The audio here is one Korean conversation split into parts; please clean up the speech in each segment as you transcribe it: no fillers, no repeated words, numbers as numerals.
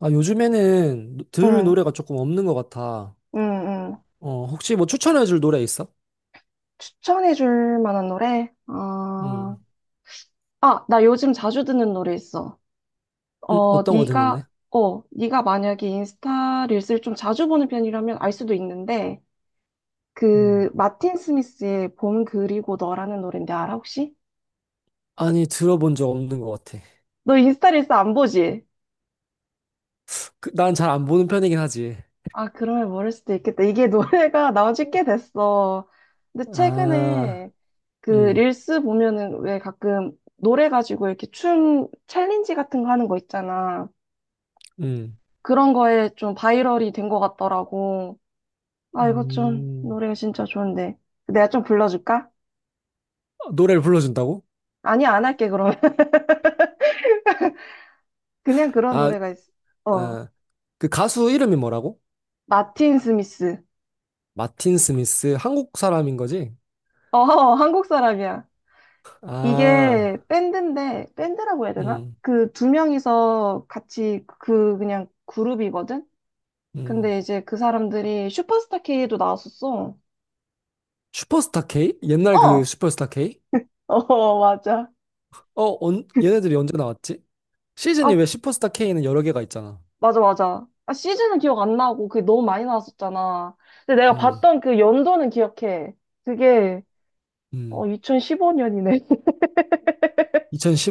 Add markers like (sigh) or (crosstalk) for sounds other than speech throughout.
아, 요즘에는 들을 응, 노래가 조금 없는 것 같아. 응, 응. 어, 혹시 뭐 추천해줄 노래 있어? 추천해 줄 만한 노래? 아, 음, 아, 나 요즘 자주 듣는 노래 있어. 어, 어떤 거 네가, 듣는데? 네가 만약에 인스타 릴스를 좀 자주 보는 편이라면 알 수도 있는데, 음. 그, 마틴 스미스의 봄 그리고 너라는 노래인데 알아, 혹시? 아니, 들어본 적 없는 것 같아. 너 인스타 릴스 안 보지? 그, 난잘 안 보는 편이긴 하지. 아, 그러면 모를 수도 있겠다. 이게 (laughs) 노래가 나온 지 꽤 됐어. 근데 아, 최근에 그 음, 릴스 보면은 왜 가끔 노래 가지고 이렇게 춤 챌린지 같은 거 하는 거 있잖아. 음, 그런 거에 좀 바이럴이 된 것 같더라고. 아, 이거 좀 음. 노래가 진짜 좋은데. 내가 좀 불러줄까? 아, 노래를 불러준다고? 아니, 안 할게, 그러면. (laughs) 그냥 그런 아, 노래가 있어. 어. 어, 그 가수 이름이 뭐라고? 마틴 스미스. 마틴 스미스, 한국 사람인 거지? 어, 한국 사람이야. 이게 아, 밴드인데, 밴드라고 해야 되나? 음, 그 두 명이서 같이 그 그냥 그룹이거든? 음. 근데 이제 그 사람들이 슈퍼스타 K도 나왔었어. 슈퍼스타 K? 옛날 그 어! 슈퍼스타 K? (laughs) 어, 맞아. 어, 얘네들이 언제 나왔지? 아, 시즌이 왜 슈퍼스타 K는 여러 개가 있잖아. 맞아, 맞아. 아, 시즌은 기억 안 나고 그게 너무 많이 나왔었잖아. 근데 내가 음, 봤던 그 연도는 기억해. 그게, 어, 음. 2015년이네.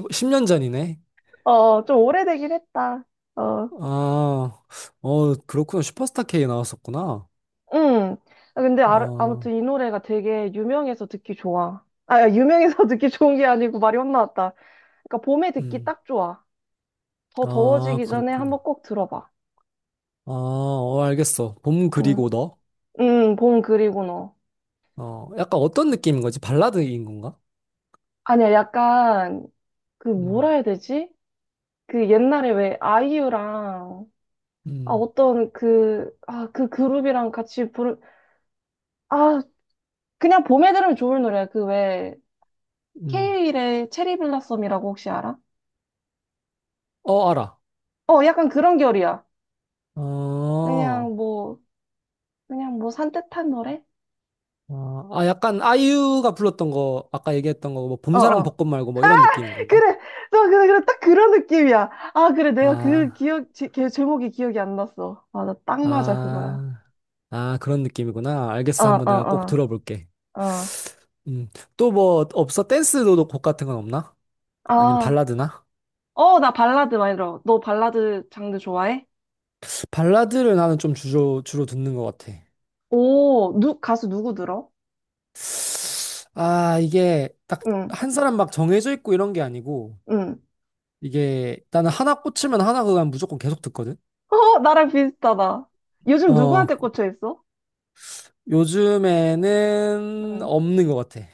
2010, 년 전이네. (laughs) 어, 좀 오래되긴 했다. 어. 아, 어, 그렇구나. 슈퍼스타 K 나왔었구나. 응. 아, 근데 아, 아, 아무튼 이 노래가 되게 유명해서 듣기 좋아. 아, 야, 유명해서 (laughs) 듣기 좋은 게 아니고 말이 혼나왔다. 그러니까 봄에 듣기 음. 딱 좋아. 더 아, 더워지기 전에 한번 그렇구나. 꼭 들어봐. 아, 어, 알겠어. 봄 응. 그리고 너. 응, 봄 그리고 너. 어, 약간 어떤 느낌인 거지? 발라드인 건가? 아니야, 약간 그 뭐라 음, 해야 되지? 그 옛날에 왜 아이유랑 아 음, 어떤 그 아 그 그룹이랑 같이 부르 아 그냥 봄에 들으면 좋을 노래야. 그 왜 음. 케이윌의 체리 블라썸이라고 혹시 알아? 어, 알아. 어, 약간 그런 결이야. 어, 그냥 뭐 그냥 뭐 산뜻한 노래? 아, 아, 약간 아이유가 불렀던 거, 아까 얘기했던 거, 뭐, 어, 봄사랑 어. 벚꽃 말고 뭐 이런 느낌인 건가? 그래. 너, 그래, 그래. 딱 그런 느낌이야. 아, 그래. 내가 그 아. 걔 제목이 기억이 안 났어. 맞아. 딱 맞아. 그거야. 아, 아, 그런 느낌이구나. 어, 알겠어. 한번 어, 내가 꼭 들어볼게. 어, 어. 음, 또 뭐 없어? 댄스도 곡 같은 건 없나? 아니면 아, 발라드나? 어, 나 발라드 많이 들어. 너 발라드 장르 좋아해? 발라드를 나는 좀 주로 듣는 것 같아. 오, 가수 누구 들어? 아, 이게 딱 응, 한 사람 막 정해져 있고 이런 게 아니고, 응. 이게 나는 하나 꽂히면 하나 그냥 무조건 계속 듣거든? 어, 나랑 비슷하다. 요즘 어, 누구한테 꽂혀 있어? 요즘에는 응. 없는 것 같아.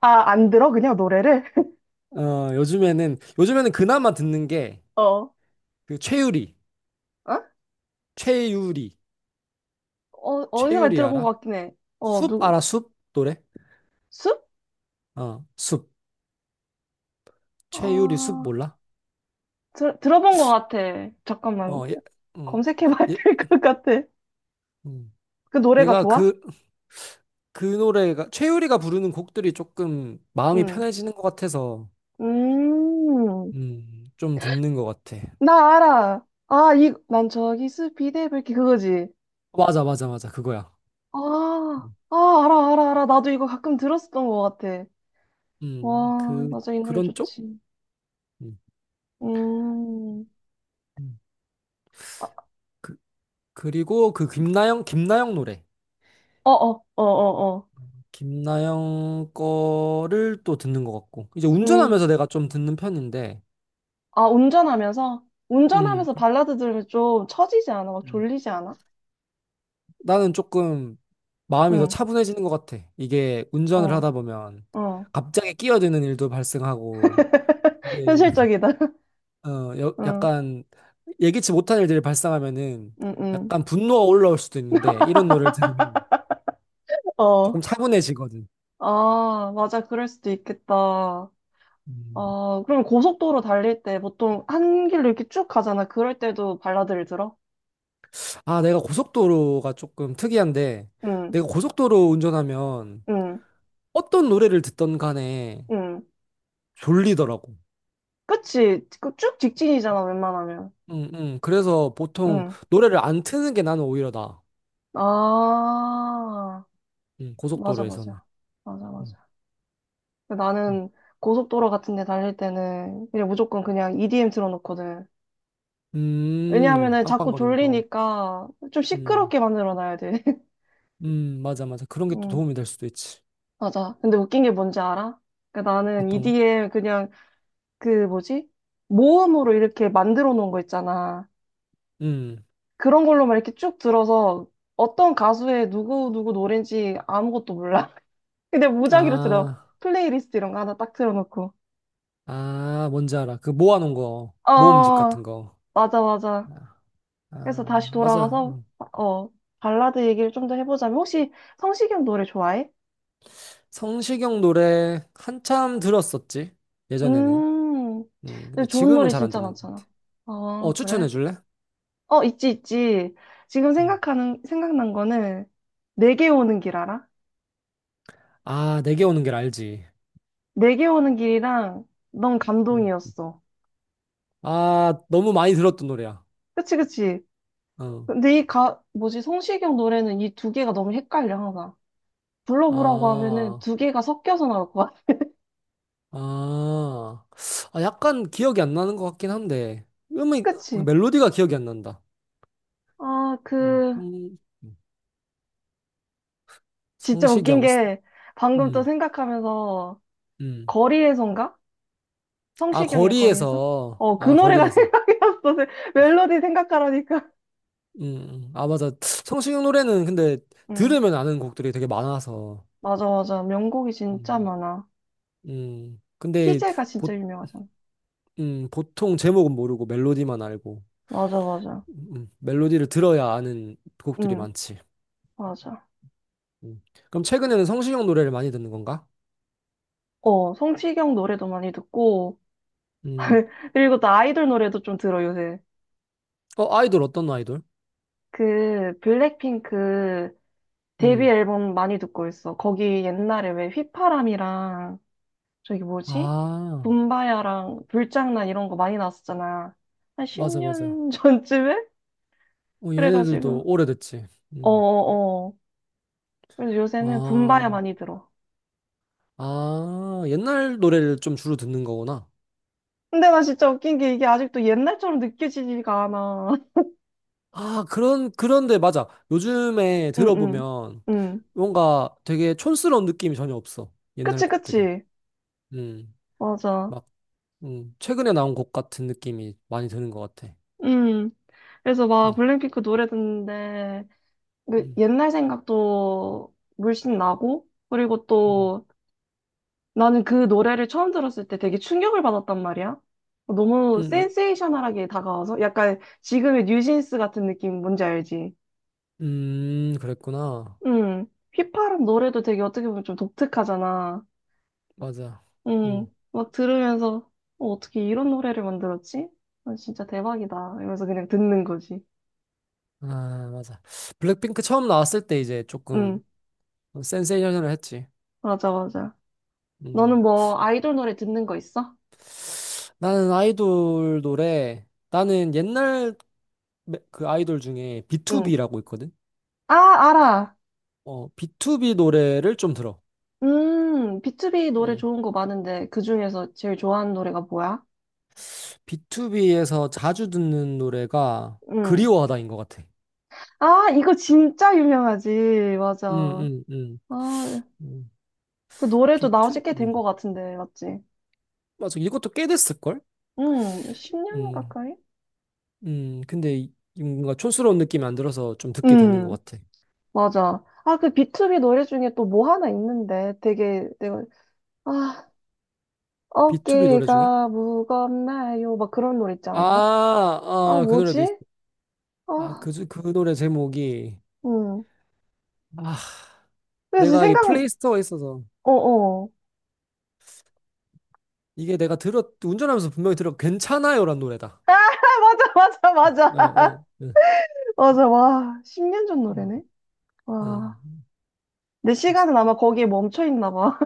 아, 안 들어? 그냥 노래를? (laughs) 어, 요즘에는 그나마 듣는 게 어. 어? 그 최유리, 최유리. 어, 어디서 많이 최유리 들어본 것 알아? 같긴 해. 숲 알아? 숲 노래? 숲? 어, 숲. 최유리 숲 아, 몰라? 들어본 것 같아. 잠깐만. 어, 얘, 음, 검색해봐야 (laughs) 얘, 될 것 같아. 음. 그 노래가 얘가 좋아? 그 노래가, 최유리가 부르는 곡들이 조금 마음이 응. 편해지는 것 같아서, 음, 좀 듣는 것 같아. 나 알아. 아, 난 저기 스피드의불길 그거지. 맞아, 맞아, 맞아. 그거야. 아, 아, 알아, 알아, 알아. 나도 이거 가끔 들었었던 것 같아. 와, 그, 맞아. 이 노래 그런 쪽? 좋지. 음, 음, 음. 그, 그리고 그 김나영, 김나영 노래. 어, 어, 어, 어, 어. 김나영 거를 또 듣는 것 같고. 이제 음, 운전하면서 내가 좀 듣는 편인데, 아, 운전하면서? 음. 운전하면서 발라드 들으면 좀 처지지 않아? 막 음. 졸리지 않아? 나는 조금 마음이 더 응, 차분해지는 것 같아. 이게 운전을 어, 하다 보면 어. 갑자기 끼어드는 일도 발생하고, (laughs) 현실적이다. (laughs) 네. 어, 응. 약간 예기치 못한 일들이 발생하면은 응, 응. 약간 분노가 올라올 수도 있는데 이런 노래를 들으면 어, 응. 조금 차분해지거든. 아, 맞아. 그럴 수도 있겠다. 음. 아, 그럼 고속도로 달릴 때 보통 한 길로 이렇게 쭉 가잖아. 그럴 때도 발라드를 들어? 아, 내가 고속도로가 조금 특이한데 응, 내가 고속도로 운전하면 응, 어떤 노래를 듣던 간에 응. 졸리더라고. 그치? 그 쭉 직진이잖아, 웬만하면. 그래서 보통 응. 노래를 안 트는 게 나는 오히려 나아. 아, 응, 맞아, 고속도로에서는. 맞아. 맞아, 음, 맞아. 음, 나는 고속도로 같은 데 달릴 때는 그냥 무조건 그냥 EDM 틀어놓거든. 왜냐하면은 자꾸 빵빵거리는 거. 졸리니까 좀 음, 시끄럽게 만들어 놔야 돼. 맞아, 맞아. 그런 게 또 도움이 (laughs) 될 수도 있지. 맞아. 근데 웃긴 게 뭔지 알아? 그러니까 나는 어떤 거? EDM 그냥 그 뭐지? 모음으로 이렇게 만들어 놓은 거 있잖아. 음, 그런 걸로만 이렇게 쭉 들어서 어떤 가수의 누구 누구 노래인지 아무것도 몰라. (laughs) 근데 무작위로 들어. 아, 플레이리스트 이런 거 하나 딱 틀어놓고. 아, 뭔지 알아. 그 모아놓은 거. 모음집 어, 같은 거. 맞아, 맞아. 아, 그래서 다시 아, 맞아. 돌아가서 음. 어, 발라드 얘기를 좀 더 해보자면 혹시 성시경 노래 좋아해? 성시경 노래 한참 들었었지. 예전에는. 음, 근데 근데 좋은 지금은 노래 잘 안 진짜 듣는 것 많잖아. 같아. 어, 어, 추천해 그래? 줄래? 어, 있지, 있지. 지금 음. 생각난 거는, 내게 오는 길 알아? 아, 내게 오는 길 알지. 내게 오는 길이랑, 넌 음. 감동이었어. 아, 너무 많이 들었던 노래야. 그치, 그치. 어. 근데 이 뭐지, 성시경 노래는 이 두 개가 너무 헷갈려, 항상. 불러보라고 하면은 아. 두 개가 섞여서 나올 것 같아. 아, 아, 약간 기억이 안 나는 것 같긴 한데, (laughs) 음이, 그 그치? 멜로디가 기억이 안 난다. 아, 음, 그, 음, 진짜 웃긴 성시경, 게, 방금 또 음, 생각하면서, 음. 거리에선가? 아, 성시경의 거리에서? 거리에서, 어, 그 아, 노래가 거리에서. (laughs) 생각났어. 멜로디 생각하라니까. 아, 맞아. 성시경 노래는 근데 응, 들으면 아는 곡들이 되게 많아서, 맞아, 맞아. 명곡이 진짜 음, 많아. 근데 희재가 진짜 보, 유명하잖아. 보통 제목은 모르고 멜로디만 알고, 맞아, 맞아. 멜로디를 들어야 아는 곡들이 응, 많지. 맞아. 음. 그럼 최근에는 성시경 노래를 많이 듣는 건가? 어, 성시경 노래도 많이 듣고, 음. 그리고 나 아이돌 노래도 좀 들어, 요새. 어, 아이돌 어떤 아이돌? 그, 블랙핑크 데뷔 음. 앨범 많이 듣고 있어. 거기 옛날에 왜 휘파람이랑, 저기 뭐지? 아, 붐바야랑 불장난 이런 거 많이 나왔었잖아. 한 맞아, 맞아. 10년 (laughs) 전쯤에? 어, 그래가지고. 얘네들도 오래됐지. 음. 어어어. 그래서 요새는 붐바야 아, 많이 들어. 아, 옛날 노래를 좀 주로 듣는 거구나. 근데 나 진짜 웃긴 게 이게 아직도 옛날처럼 느껴지지가 않아. 아, 그런데 맞아. 요즘에 응, 응, 들어보면 응. 뭔가 되게 촌스러운 느낌이 전혀 없어. 옛날 그치, 곡들이. 그치. 음, 맞아. 막, 최근에 나온 곡 같은 느낌이 많이 드는 것 같아. 음 그래서 음, 막 블랙핑크 노래 듣는데, 그 음, 옛날 생각도 물씬 나고, 그리고 음, 또 나는 그 노래를 처음 들었을 때 되게 충격을 받았단 말이야. 너무 음, 으- 센세이셔널하게 다가와서, 약간 지금의 뉴진스 같은 느낌 뭔지 알지? 그랬구나. 음 휘파람 노래도 되게 어떻게 보면 좀 독특하잖아. 맞아. 음 음. 막 들으면서, 어, 어떻게 이런 노래를 만들었지? 아, 진짜 대박이다. 이러면서 그냥 듣는 거지. 아, 맞아. 블랙핑크 처음 나왔을 때 이제 응, 조금 센세이션을 했지. 맞아, 맞아. 너는 음. 뭐 아이돌 노래 듣는 거 있어? 나는 아이돌 노래, 나는 옛날 그 아이돌 중에 응. B2B라고 있거든? 아, 알아. 어, B2B 노래를 좀 들어. 비투비 노래 음. 좋은 거 많은데 그 중에서 제일 좋아하는 노래가 뭐야? B2B에서 자주 듣는 노래가 응. 그리워하다인 것 같아. 아, 이거 진짜 유명하지. 맞아. 음, 음, 음. 아, 음. 그 노래도 나온 지꽤 B2B. 된 거 같은데, 맞지? 맞아. 이것도 꽤 됐을걸? 응, 10년 음, 가까이? 근데 뭔가 촌스러운 느낌이 안 들어서 좀 듣게 되는 것 응, 같아. 맞아. 아, 그 비투비 노래 중에 또 뭐 하나 있는데 되게 내가 아, B2B 노래 중에? 어깨가 무겁나요? 막 그런 노래 있지 아, 않았나? 아, 아, 그 노래도 있어. 뭐지? 아, 아, 그, 그 노래 제목이. 응. 아, 그래서 내가 이 플레이스토어에 있어서. 어, 어. (laughs) 이게 내가 들었, 운전하면서 분명히 들었, 괜찮아요란 노래다. 아, 맞아, 맞아, 맞아. 아, 예, 예. (laughs) 맞아, 와. 10년 전 음, 노래네? 어, 와. 내 맞아. 시간은 아마 거기에 멈춰 있나 봐.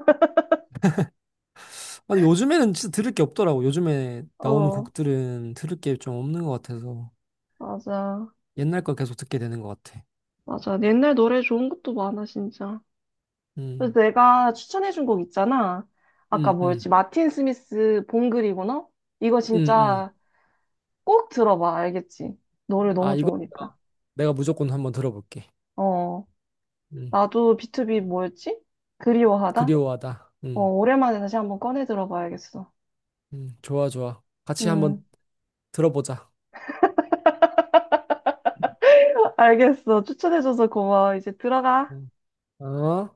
아니, 요즘에는 진짜 들을 게 없더라고. 요즘에 (laughs) 나오는 어, 곡들은 들을 게 좀 없는 것 같아서. 맞아. 옛날 걸 계속 듣게 되는 것 같아. 맞아. 옛날 노래 좋은 것도 많아, 진짜. 그래서 음, 내가 추천해준 곡 있잖아. 아까 음, 음, 뭐였지? 마틴 스미스 봄 그리구나? 이거 음, 음. 진짜 꼭 들어봐, 알겠지? 노래 아, 너무 이거 좋으니까. 내가 무조건 한번 들어볼게. 어. 음, 나도 B2B 뭐였지? 그리워하다? 그리워하다. 어, 오랜만에 다시 한번 꺼내 들어봐야겠어. 좋아, 좋아. 같이 한번 음. 들어보자. 알겠어. 추천해줘서 고마워. 이제 들어가. 음. 어?